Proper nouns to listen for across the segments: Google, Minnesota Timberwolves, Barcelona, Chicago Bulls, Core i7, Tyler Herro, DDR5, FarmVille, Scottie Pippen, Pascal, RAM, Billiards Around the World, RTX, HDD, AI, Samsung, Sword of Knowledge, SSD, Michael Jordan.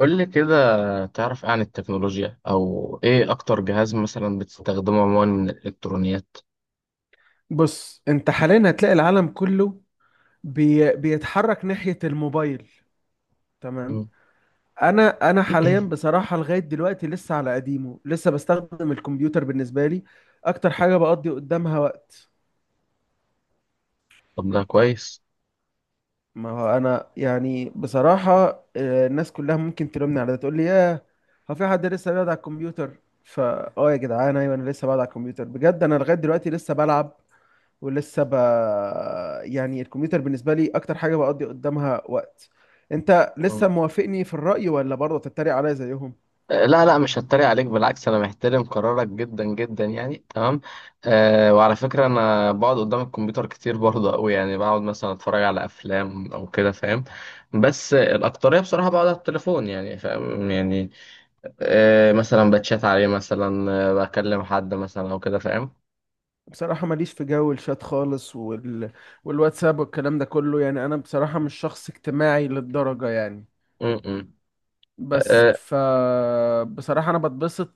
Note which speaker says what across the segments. Speaker 1: قول لي كده، تعرف إيه عن التكنولوجيا او ايه اكتر جهاز مثلا بتستخدمه عموما من الالكترونيات؟
Speaker 2: بص انت حاليا هتلاقي العالم كله بيتحرك ناحية الموبايل. تمام.
Speaker 1: مم.
Speaker 2: انا حاليا بصراحة لغاية دلوقتي لسه على قديمه، لسه بستخدم الكمبيوتر. بالنسبة لي اكتر حاجة بقضي قدامها وقت.
Speaker 1: طب ده كويس.
Speaker 2: ما هو انا يعني بصراحة، الناس كلها ممكن تلومني على ده، تقول لي: ياه، هو في حد لسه بيقعد على الكمبيوتر؟ فا يا جدعان، ايوه انا لسه بقعد على الكمبيوتر بجد. انا لغاية دلوقتي لسه بلعب ولسه ب... يعني الكمبيوتر بالنسبة لي أكتر حاجة بقضي قدامها وقت. أنت لسه
Speaker 1: مم.
Speaker 2: موافقني في الرأي ولا برضه تتريق عليا زيهم؟
Speaker 1: لا لا، مش هتريق عليك، بالعكس انا محترم قرارك جدا جدا يعني تمام. وعلى فكرة انا بقعد قدام الكمبيوتر كتير برضه قوي، يعني بقعد مثلا اتفرج على افلام او كده فاهم. بس الاكترية بصراحة بقعد على التليفون، يعني فاهم يعني. مثلا بتشات عليه مثلا، بكلم حد مثلا او كده فاهم.
Speaker 2: بصراحة ماليش في جو الشات خالص والواتساب والكلام ده كله. يعني أنا بصراحة مش شخص اجتماعي للدرجة يعني.
Speaker 1: مم، مم.
Speaker 2: بس بصراحة أنا بتبسط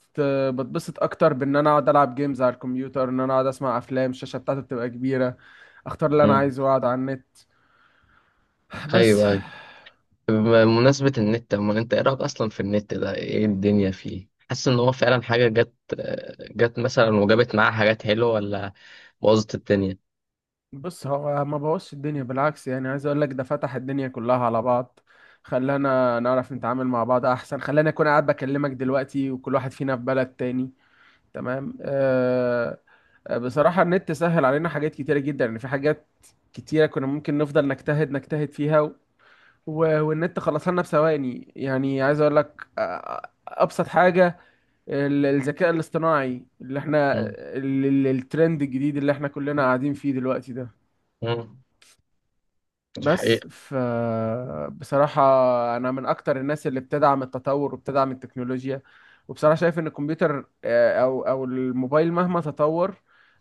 Speaker 2: بتبسط أكتر بإن أنا أقعد ألعب جيمز على الكمبيوتر، إن أنا أقعد أسمع أفلام. الشاشة بتاعتي بتبقى كبيرة، أختار اللي أنا
Speaker 1: آه،
Speaker 2: عايزه وأقعد على النت. بس.
Speaker 1: ايوه. بمناسبة النت، اما انت ايه رأيك اصلا في النت ده؟ ايه الدنيا فيه؟ حاسس ان هو فعلا حاجة جت، جت مثلا وجابت معاها حاجات حلوة، ولا بوظت الدنيا؟
Speaker 2: بص هو ما بوظش الدنيا بالعكس. يعني عايز اقول لك ده فتح الدنيا كلها على بعض، خلانا نعرف نتعامل مع بعض احسن، خلاني اكون قاعد بكلمك دلوقتي وكل واحد فينا في بلد تاني. تمام. أه. بصراحة النت سهل علينا حاجات كتيرة جدا. يعني في حاجات كتيرة كنا ممكن نفضل نجتهد فيها والنت خلصها لنا بثواني. يعني عايز اقول لك ابسط حاجة الذكاء الاصطناعي اللي احنا الترند الجديد اللي احنا كلنا قاعدين فيه دلوقتي ده.
Speaker 1: امم
Speaker 2: بس بصراحة أنا من أكتر الناس اللي بتدعم التطور وبتدعم التكنولوجيا. وبصراحة شايف إن الكمبيوتر، أو الموبايل مهما تطور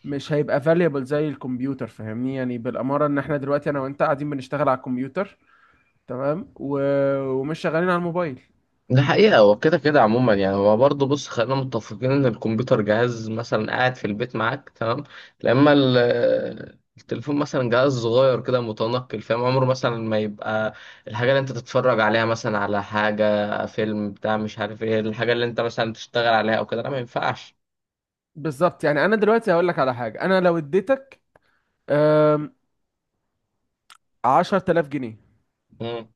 Speaker 2: مش هيبقى valuable زي الكمبيوتر. فاهمني، يعني بالأمارة إن إحنا دلوقتي أنا وأنت قاعدين بنشتغل على الكمبيوتر. تمام ومش شغالين على الموبايل.
Speaker 1: ده حقيقة. هو كده كده عموما، يعني هو برضه بص خلينا متفقين إن الكمبيوتر جهاز مثلا قاعد في البيت معاك تمام. لما التليفون مثلا جهاز صغير كده متنقل فاهم، عمره مثلا ما يبقى الحاجة اللي أنت تتفرج عليها مثلا، على حاجة فيلم بتاع مش عارف إيه. الحاجة اللي أنت مثلا تشتغل عليها أو كده لا، ما ينفعش.
Speaker 2: بالظبط. يعني أنا دلوقتي هقول لك على حاجة. أنا لو اديتك آم، 10,000 جنيه
Speaker 1: مم.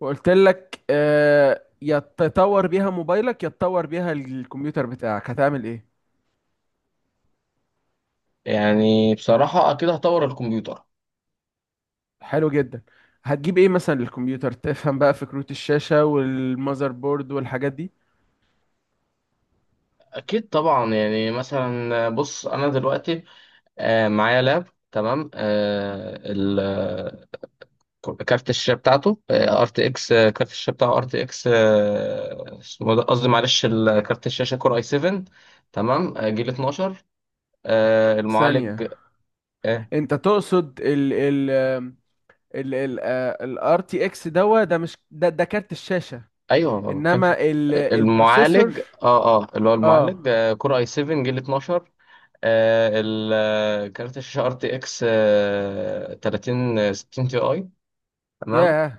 Speaker 2: وقلت لك يا تطور بيها موبايلك، يا تطور بيها الكمبيوتر بتاعك، هتعمل إيه؟
Speaker 1: يعني بصراحة أكيد هطور الكمبيوتر.
Speaker 2: حلو جدا. هتجيب ايه مثلا للكمبيوتر؟ تفهم بقى فكرة الشاشة والمذر بورد والحاجات دي.
Speaker 1: أكيد طبعا، يعني مثلا بص أنا دلوقتي معايا لاب تمام. كارت الشاشه بتاعته ار تي اكس، كارت الشاشه بتاعه ار تي اكس اسمه ده، قصدي معلش كارت الشاشه كور اي 7 تمام. جيل 12. المعالج.
Speaker 2: ثانية.
Speaker 1: آه،
Speaker 2: انت تقصد ال RTX دوا ده، مش ده كارت الشاشة،
Speaker 1: ايوه ما
Speaker 2: انما
Speaker 1: بتكلمش
Speaker 2: البروسيسور.
Speaker 1: المعالج. اه اه، اللي هو
Speaker 2: اه.
Speaker 1: المعالج كور اي 7 جيل 12. كارت الشاشه ار تي اكس 30 60 تي اي تمام.
Speaker 2: ياه،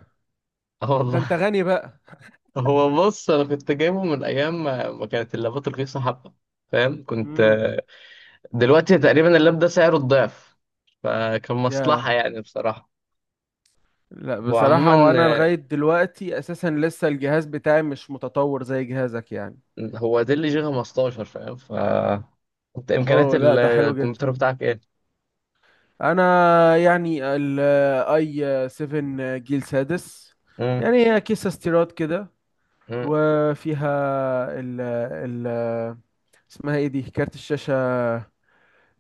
Speaker 1: اه
Speaker 2: ده
Speaker 1: والله.
Speaker 2: انت غني بقى.
Speaker 1: هو بص انا كنت جايبه من ايام ما كانت اللابات رخيصه حبه، فاهم كنت.
Speaker 2: امم
Speaker 1: دلوقتي تقريبا اللاب ده سعره الضعف، فكان مصلحة
Speaker 2: ياه.
Speaker 1: يعني بصراحة.
Speaker 2: لا
Speaker 1: هو
Speaker 2: بصراحة،
Speaker 1: عموما
Speaker 2: هو انا
Speaker 1: آه،
Speaker 2: لغاية دلوقتي اساسا لسه الجهاز بتاعي مش متطور زي جهازك يعني.
Speaker 1: هو ده اللي جي 15 فاهم. ف انت امكانيات
Speaker 2: اوه لا، ده حلو جدا.
Speaker 1: الكمبيوتر بتاعك ايه؟
Speaker 2: انا يعني الاي 7 جيل سادس.
Speaker 1: مم.
Speaker 2: يعني هي كيسة استيراد كده،
Speaker 1: مم.
Speaker 2: وفيها ال اسمها ايه دي، كارت الشاشة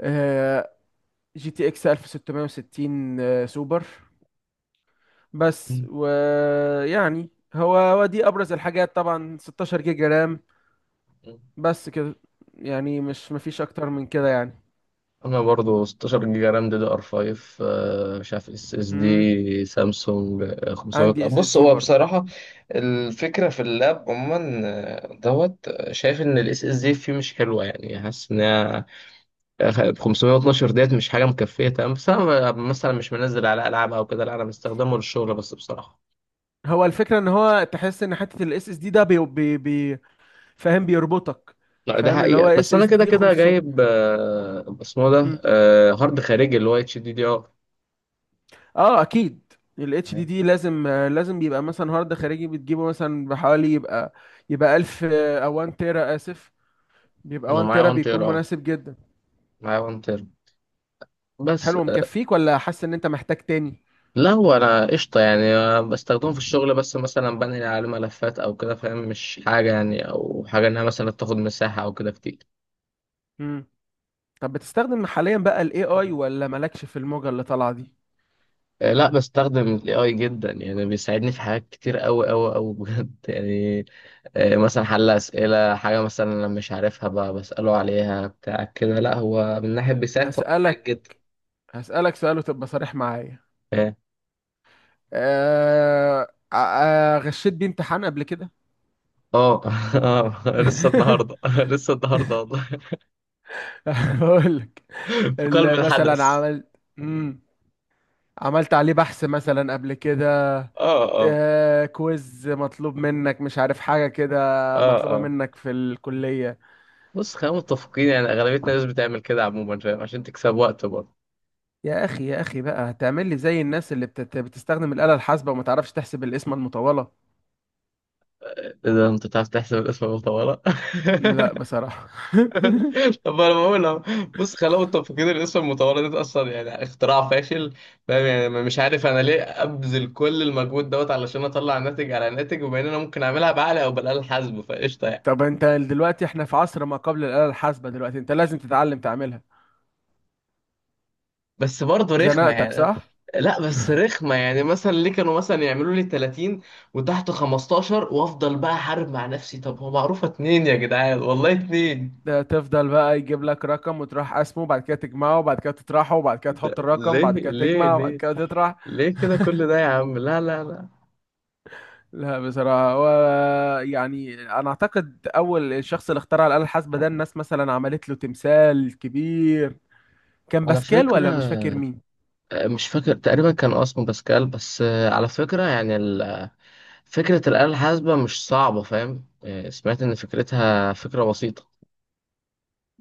Speaker 2: آه، جي تي اكس 1660 سوبر. بس
Speaker 1: مم.
Speaker 2: ويعني هو دي ابرز الحاجات طبعا، 16 جيجا رام.
Speaker 1: مم.
Speaker 2: بس كده. يعني مش مفيش اكتر من كده يعني.
Speaker 1: انا برضو 16 جيجا رام دي دي ار 5. مش عارف اس اس
Speaker 2: مم.
Speaker 1: دي سامسونج 500.
Speaker 2: عندي اس اس
Speaker 1: بص
Speaker 2: دي
Speaker 1: هو
Speaker 2: برضو.
Speaker 1: بصراحة الفكرة في اللاب عموما دوت شايف ان الاس اس دي فيه مش حلوة، يعني حاسس ان هي 512 ديت مش حاجة مكفية تمام. بس أنا مثلا مش منزل على ألعاب أو كده لا، أنا بستخدمه للشغل بس بصراحة.
Speaker 2: هو الفكرة ان هو تحس ان حتة الاس اس دي ده بي فاهم بيربطك.
Speaker 1: لا ده
Speaker 2: فاهم، اللي هو
Speaker 1: حقيقة. بس
Speaker 2: اس
Speaker 1: أنا
Speaker 2: اس
Speaker 1: كده
Speaker 2: دي
Speaker 1: كده
Speaker 2: 500.
Speaker 1: جايب اسمه
Speaker 2: مم.
Speaker 1: ده هارد خارجي اللي هو اتش دي دي ار.
Speaker 2: اه اكيد. الاتش دي دي لازم، يبقى مثلا هارد خارجي بتجيبه مثلا بحوالي، يبقى 1000 او 1 تيرا. اسف، بيبقى
Speaker 1: أنا
Speaker 2: 1
Speaker 1: معايا
Speaker 2: تيرا
Speaker 1: 1 تيرا
Speaker 2: بيكون
Speaker 1: أه،
Speaker 2: مناسب جدا.
Speaker 1: معايا 1 تيرا بس.
Speaker 2: حلو. مكفيك ولا حاسس ان انت محتاج تاني؟
Speaker 1: لا هو أنا قشطة يعني بستخدمه في الشغل بس، مثلا بنقل عليه ملفات أو كده فاهم. مش حاجة يعني، أو حاجة إنها مثلا تاخد مساحة أو كده كتير.
Speaker 2: مم. طب بتستخدم حاليا بقى الاي اي ولا مالكش في الموجة اللي طالعة دي؟
Speaker 1: لا بستخدم الاي اي جدا، يعني بيساعدني في حاجات كتير قوي قوي قوي بجد يعني. مثلا حل اسئله، حاجه مثلا انا مش عارفها بساله عليها بتاع كده، لا هو من ناحيه بيساعد، فهو بيساعد
Speaker 2: هسألك
Speaker 1: جدا.
Speaker 2: هسألك سؤال وتبقى صريح معايا.
Speaker 1: اه.
Speaker 2: أه... آه، آه، غشيت بيه امتحان قبل كده؟
Speaker 1: اه. لسه النهارده، لسه النهارده والله.
Speaker 2: بقول
Speaker 1: في قلب
Speaker 2: مثلا
Speaker 1: الحدث.
Speaker 2: عملت مم. عملت عليه بحث مثلا قبل كده؟
Speaker 1: اه اه.
Speaker 2: كويز مطلوب منك مش عارف حاجة كده،
Speaker 1: اه
Speaker 2: مطلوبة
Speaker 1: اه.
Speaker 2: منك في الكلية.
Speaker 1: بص خلينا متفقين يعني اغلبيه الناس بتعمل كده عموما فاهم، عشان تكسب وقت برضه.
Speaker 2: يا أخي، يا أخي بقى هتعمل لي زي الناس اللي بتستخدم الآلة الحاسبة وما تعرفش تحسب القسمة المطولة.
Speaker 1: إيه ده، انت بتعرف تحسب الاسم المطوله؟
Speaker 2: لا بصراحة.
Speaker 1: طب انا بقول أهو، بص خلقوا التفكير الاسم المتورط ده اصلا يعني اختراع فاشل، فاهم يعني. مش عارف انا ليه ابذل كل المجهود دوت علشان اطلع ناتج على ناتج، وبما ان انا ممكن اعملها بعقل او بالاله الحاسبه فقشطه يعني.
Speaker 2: طب انت دلوقتي، احنا في عصر ما قبل الآلة الحاسبة دلوقتي، انت لازم تتعلم تعملها.
Speaker 1: بس برضه رخمه
Speaker 2: زنقتك،
Speaker 1: يعني.
Speaker 2: صح؟
Speaker 1: لا بس رخمه يعني، مثلا ليه كانوا مثلا يعملوا لي 30 وتحت 15 وافضل بقى احارب مع نفسي؟ طب هو معروفه اتنين يا جدعان، والله اتنين.
Speaker 2: ده تفضل بقى يجيب لك رقم وتروح قسمه، وبعد كده تجمعه، وبعد كده تطرحه، وبعد كده تحط الرقم،
Speaker 1: ليه
Speaker 2: وبعد كده
Speaker 1: ليه
Speaker 2: تجمع، وبعد
Speaker 1: ليه
Speaker 2: كده تطرح.
Speaker 1: ليه كده كل ده يا عم؟ لا لا لا.
Speaker 2: لا بصراحة، هو يعني أنا أعتقد أول الشخص اللي اخترع الآلة الحاسبة ده الناس مثلا عملت له تمثال كبير. كان
Speaker 1: على
Speaker 2: باسكال
Speaker 1: فكرة
Speaker 2: ولا مش فاكر مين؟
Speaker 1: مش فاكر، تقريبا كان آه اسمه باسكال. بس على فكرة يعني فكرة الآلة الحاسبة مش صعبة فاهم. سمعت إن فكرتها فكرة بسيطة.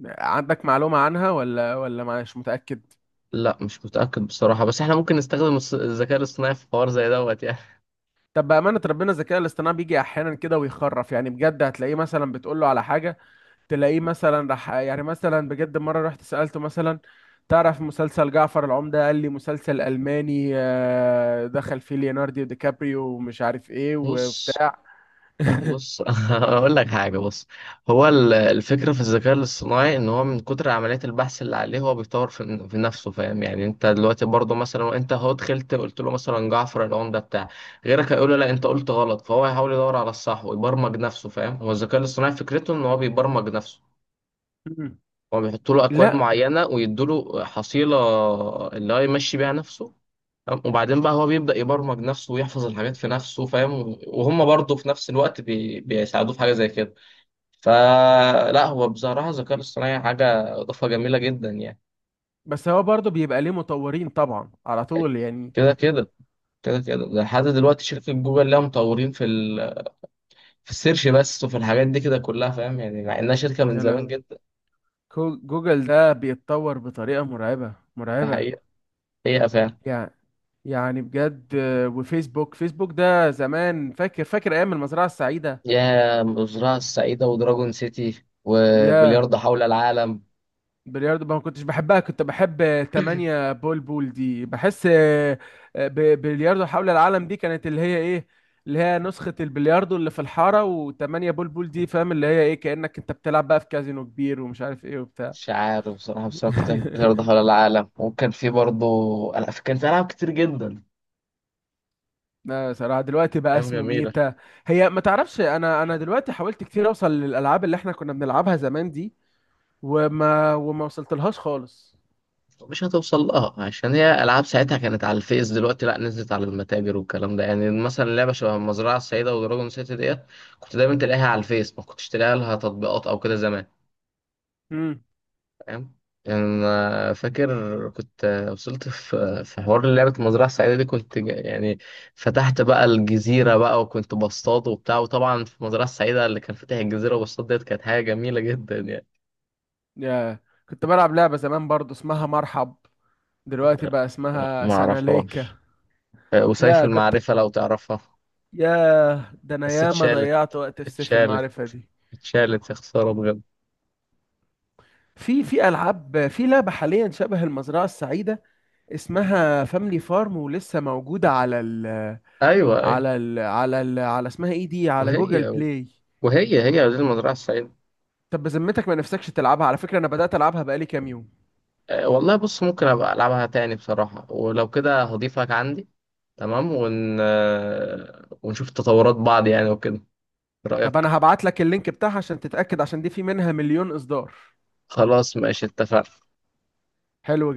Speaker 2: عندك معلومة عنها ولا مش متأكد؟
Speaker 1: لا مش متأكد بصراحة، بس احنا ممكن نستخدم الذكاء الاصطناعي في حوار زي دوت يعني.
Speaker 2: طب بأمانة ربنا، الذكاء الاصطناعي بيجي أحيانا كده ويخرف، يعني بجد هتلاقيه مثلا بتقول له على حاجة، تلاقيه مثلا راح. يعني مثلا بجد، مرة رحت سألته مثلا: تعرف مسلسل جعفر العمدة؟ قال لي: مسلسل ألماني، دخل فيه ليوناردو دي كابريو ومش عارف إيه
Speaker 1: بص
Speaker 2: وبتاع.
Speaker 1: بص اقول لك حاجه بص، هو الفكره في الذكاء الاصطناعي ان هو من كتر عمليات البحث اللي عليه هو بيطور في نفسه فاهم. يعني انت دلوقتي برضه مثلا، وانت هو دخلت قلت له مثلا جعفر العمده بتاع، غيرك هيقول له لا انت قلت غلط، فهو هيحاول يدور على الصح ويبرمج نفسه فاهم. هو الذكاء الاصطناعي فكرته ان هو بيبرمج نفسه، هو بيحطوا له اكواد
Speaker 2: لا،
Speaker 1: معينه ويدوا له حصيله اللي هو يمشي بيها نفسه، تمام؟ وبعدين بقى هو بيبدا يبرمج نفسه ويحفظ الحاجات في نفسه فاهم، وهم برضه في نفس الوقت بيساعدوه في حاجه زي كده. فلا هو بصراحه الذكاء الاصطناعي حاجه اضافه جميله جدا يعني.
Speaker 2: بس هو برضه بيبقى ليه مطورين طبعا على طول يعني.
Speaker 1: كده كده، كده كده ده لحد دلوقتي شركة جوجل لها مطورين في في السيرش بس، وفي الحاجات دي كده كلها فاهم، يعني مع انها شركة من
Speaker 2: يا
Speaker 1: زمان
Speaker 2: لهوي.
Speaker 1: جدا.
Speaker 2: جوجل ده بيتطور بطريقة مرعبة
Speaker 1: ده
Speaker 2: مرعبة.
Speaker 1: حقيقة، هي فعلا.
Speaker 2: يعني بجد، وفيسبوك، ده زمان، فاكر فاكر ايام المزرعة السعيدة.
Speaker 1: يا الزراعة السعيدة ودراجون سيتي
Speaker 2: يا.
Speaker 1: وبلياردو حول العالم.
Speaker 2: بلياردو ما كنتش بحبها، كنت بحب 8 بول بول دي بحس آه، ب- بلياردو حول العالم دي كانت اللي هي ايه، اللي هي نسخة البلياردو اللي في الحارة. و8 بول بول دي فاهم، اللي هي ايه كأنك انت بتلعب بقى في كازينو كبير ومش عارف ايه.
Speaker 1: مش عارف بصراحة، بس أنا كنت بحب بلياردو حول العالم، وكان في برضه ألعاب، كان في ألعاب كتير جدا.
Speaker 2: لا صراحة، دلوقتي بقى
Speaker 1: أيام
Speaker 2: اسمه
Speaker 1: جميلة.
Speaker 2: ميتا. هي ما تعرفش، انا دلوقتي حاولت كتير اوصل للالعاب اللي احنا كنا بنلعبها زمان دي، وما وصلت لهاش خالص.
Speaker 1: مش هتوصل لها عشان هي ألعاب ساعتها كانت على الفيس، دلوقتي لأ نزلت على المتاجر والكلام ده، يعني مثلا لعبة شبه المزرعة السعيدة ودراجون سيتي ديت كنت دايما تلاقيها على الفيس، ما كنتش تلاقيها لها تطبيقات أو كده زمان
Speaker 2: امم
Speaker 1: فاهم. يعني أنا فاكر كنت وصلت في حوار لعبة المزرعة السعيدة دي، كنت يعني فتحت بقى الجزيرة بقى وكنت بصطاد وبتاع، وطبعا في المزرعة السعيدة اللي كان فاتح الجزيرة وبصطاد ديت كانت حاجة جميلة جدا يعني.
Speaker 2: يا، كنت بلعب لعبة زمان برضو اسمها مرحب. دلوقتي
Speaker 1: لا،
Speaker 2: بقى
Speaker 1: لا
Speaker 2: اسمها
Speaker 1: ما
Speaker 2: سناليكا.
Speaker 1: أعرفهاش. وسيف
Speaker 2: لا كنت
Speaker 1: المعرفة لو تعرفها.
Speaker 2: يا، ده انا
Speaker 1: بس
Speaker 2: ياما
Speaker 1: اتشالت،
Speaker 2: ضيعت وقت في سيف
Speaker 1: اتشالت،
Speaker 2: المعرفة دي.
Speaker 1: اتشالت يا خسارة بجد.
Speaker 2: في العاب، في لعبة حاليا شبه المزرعة السعيدة اسمها فاملي فارم، ولسه موجودة
Speaker 1: أيوه أيوه.
Speaker 2: على اسمها ايه دي، على جوجل
Speaker 1: وهي
Speaker 2: بلاي.
Speaker 1: وهي هي دي المزرعة السعيدة.
Speaker 2: طب بذمتك، ما نفسكش تلعبها؟ على فكرة انا بدأت العبها بقالي كام يوم.
Speaker 1: والله بص ممكن ابقى العبها تاني بصراحة، ولو كده هضيفك عندي تمام. ون... آه، ونشوف تطورات بعض يعني وكده، إيه
Speaker 2: طب
Speaker 1: رأيك؟
Speaker 2: انا هبعت لك اللينك بتاعها عشان تتأكد، عشان دي في منها مليون اصدار.
Speaker 1: خلاص ماشي اتفقنا.
Speaker 2: حلو جدا.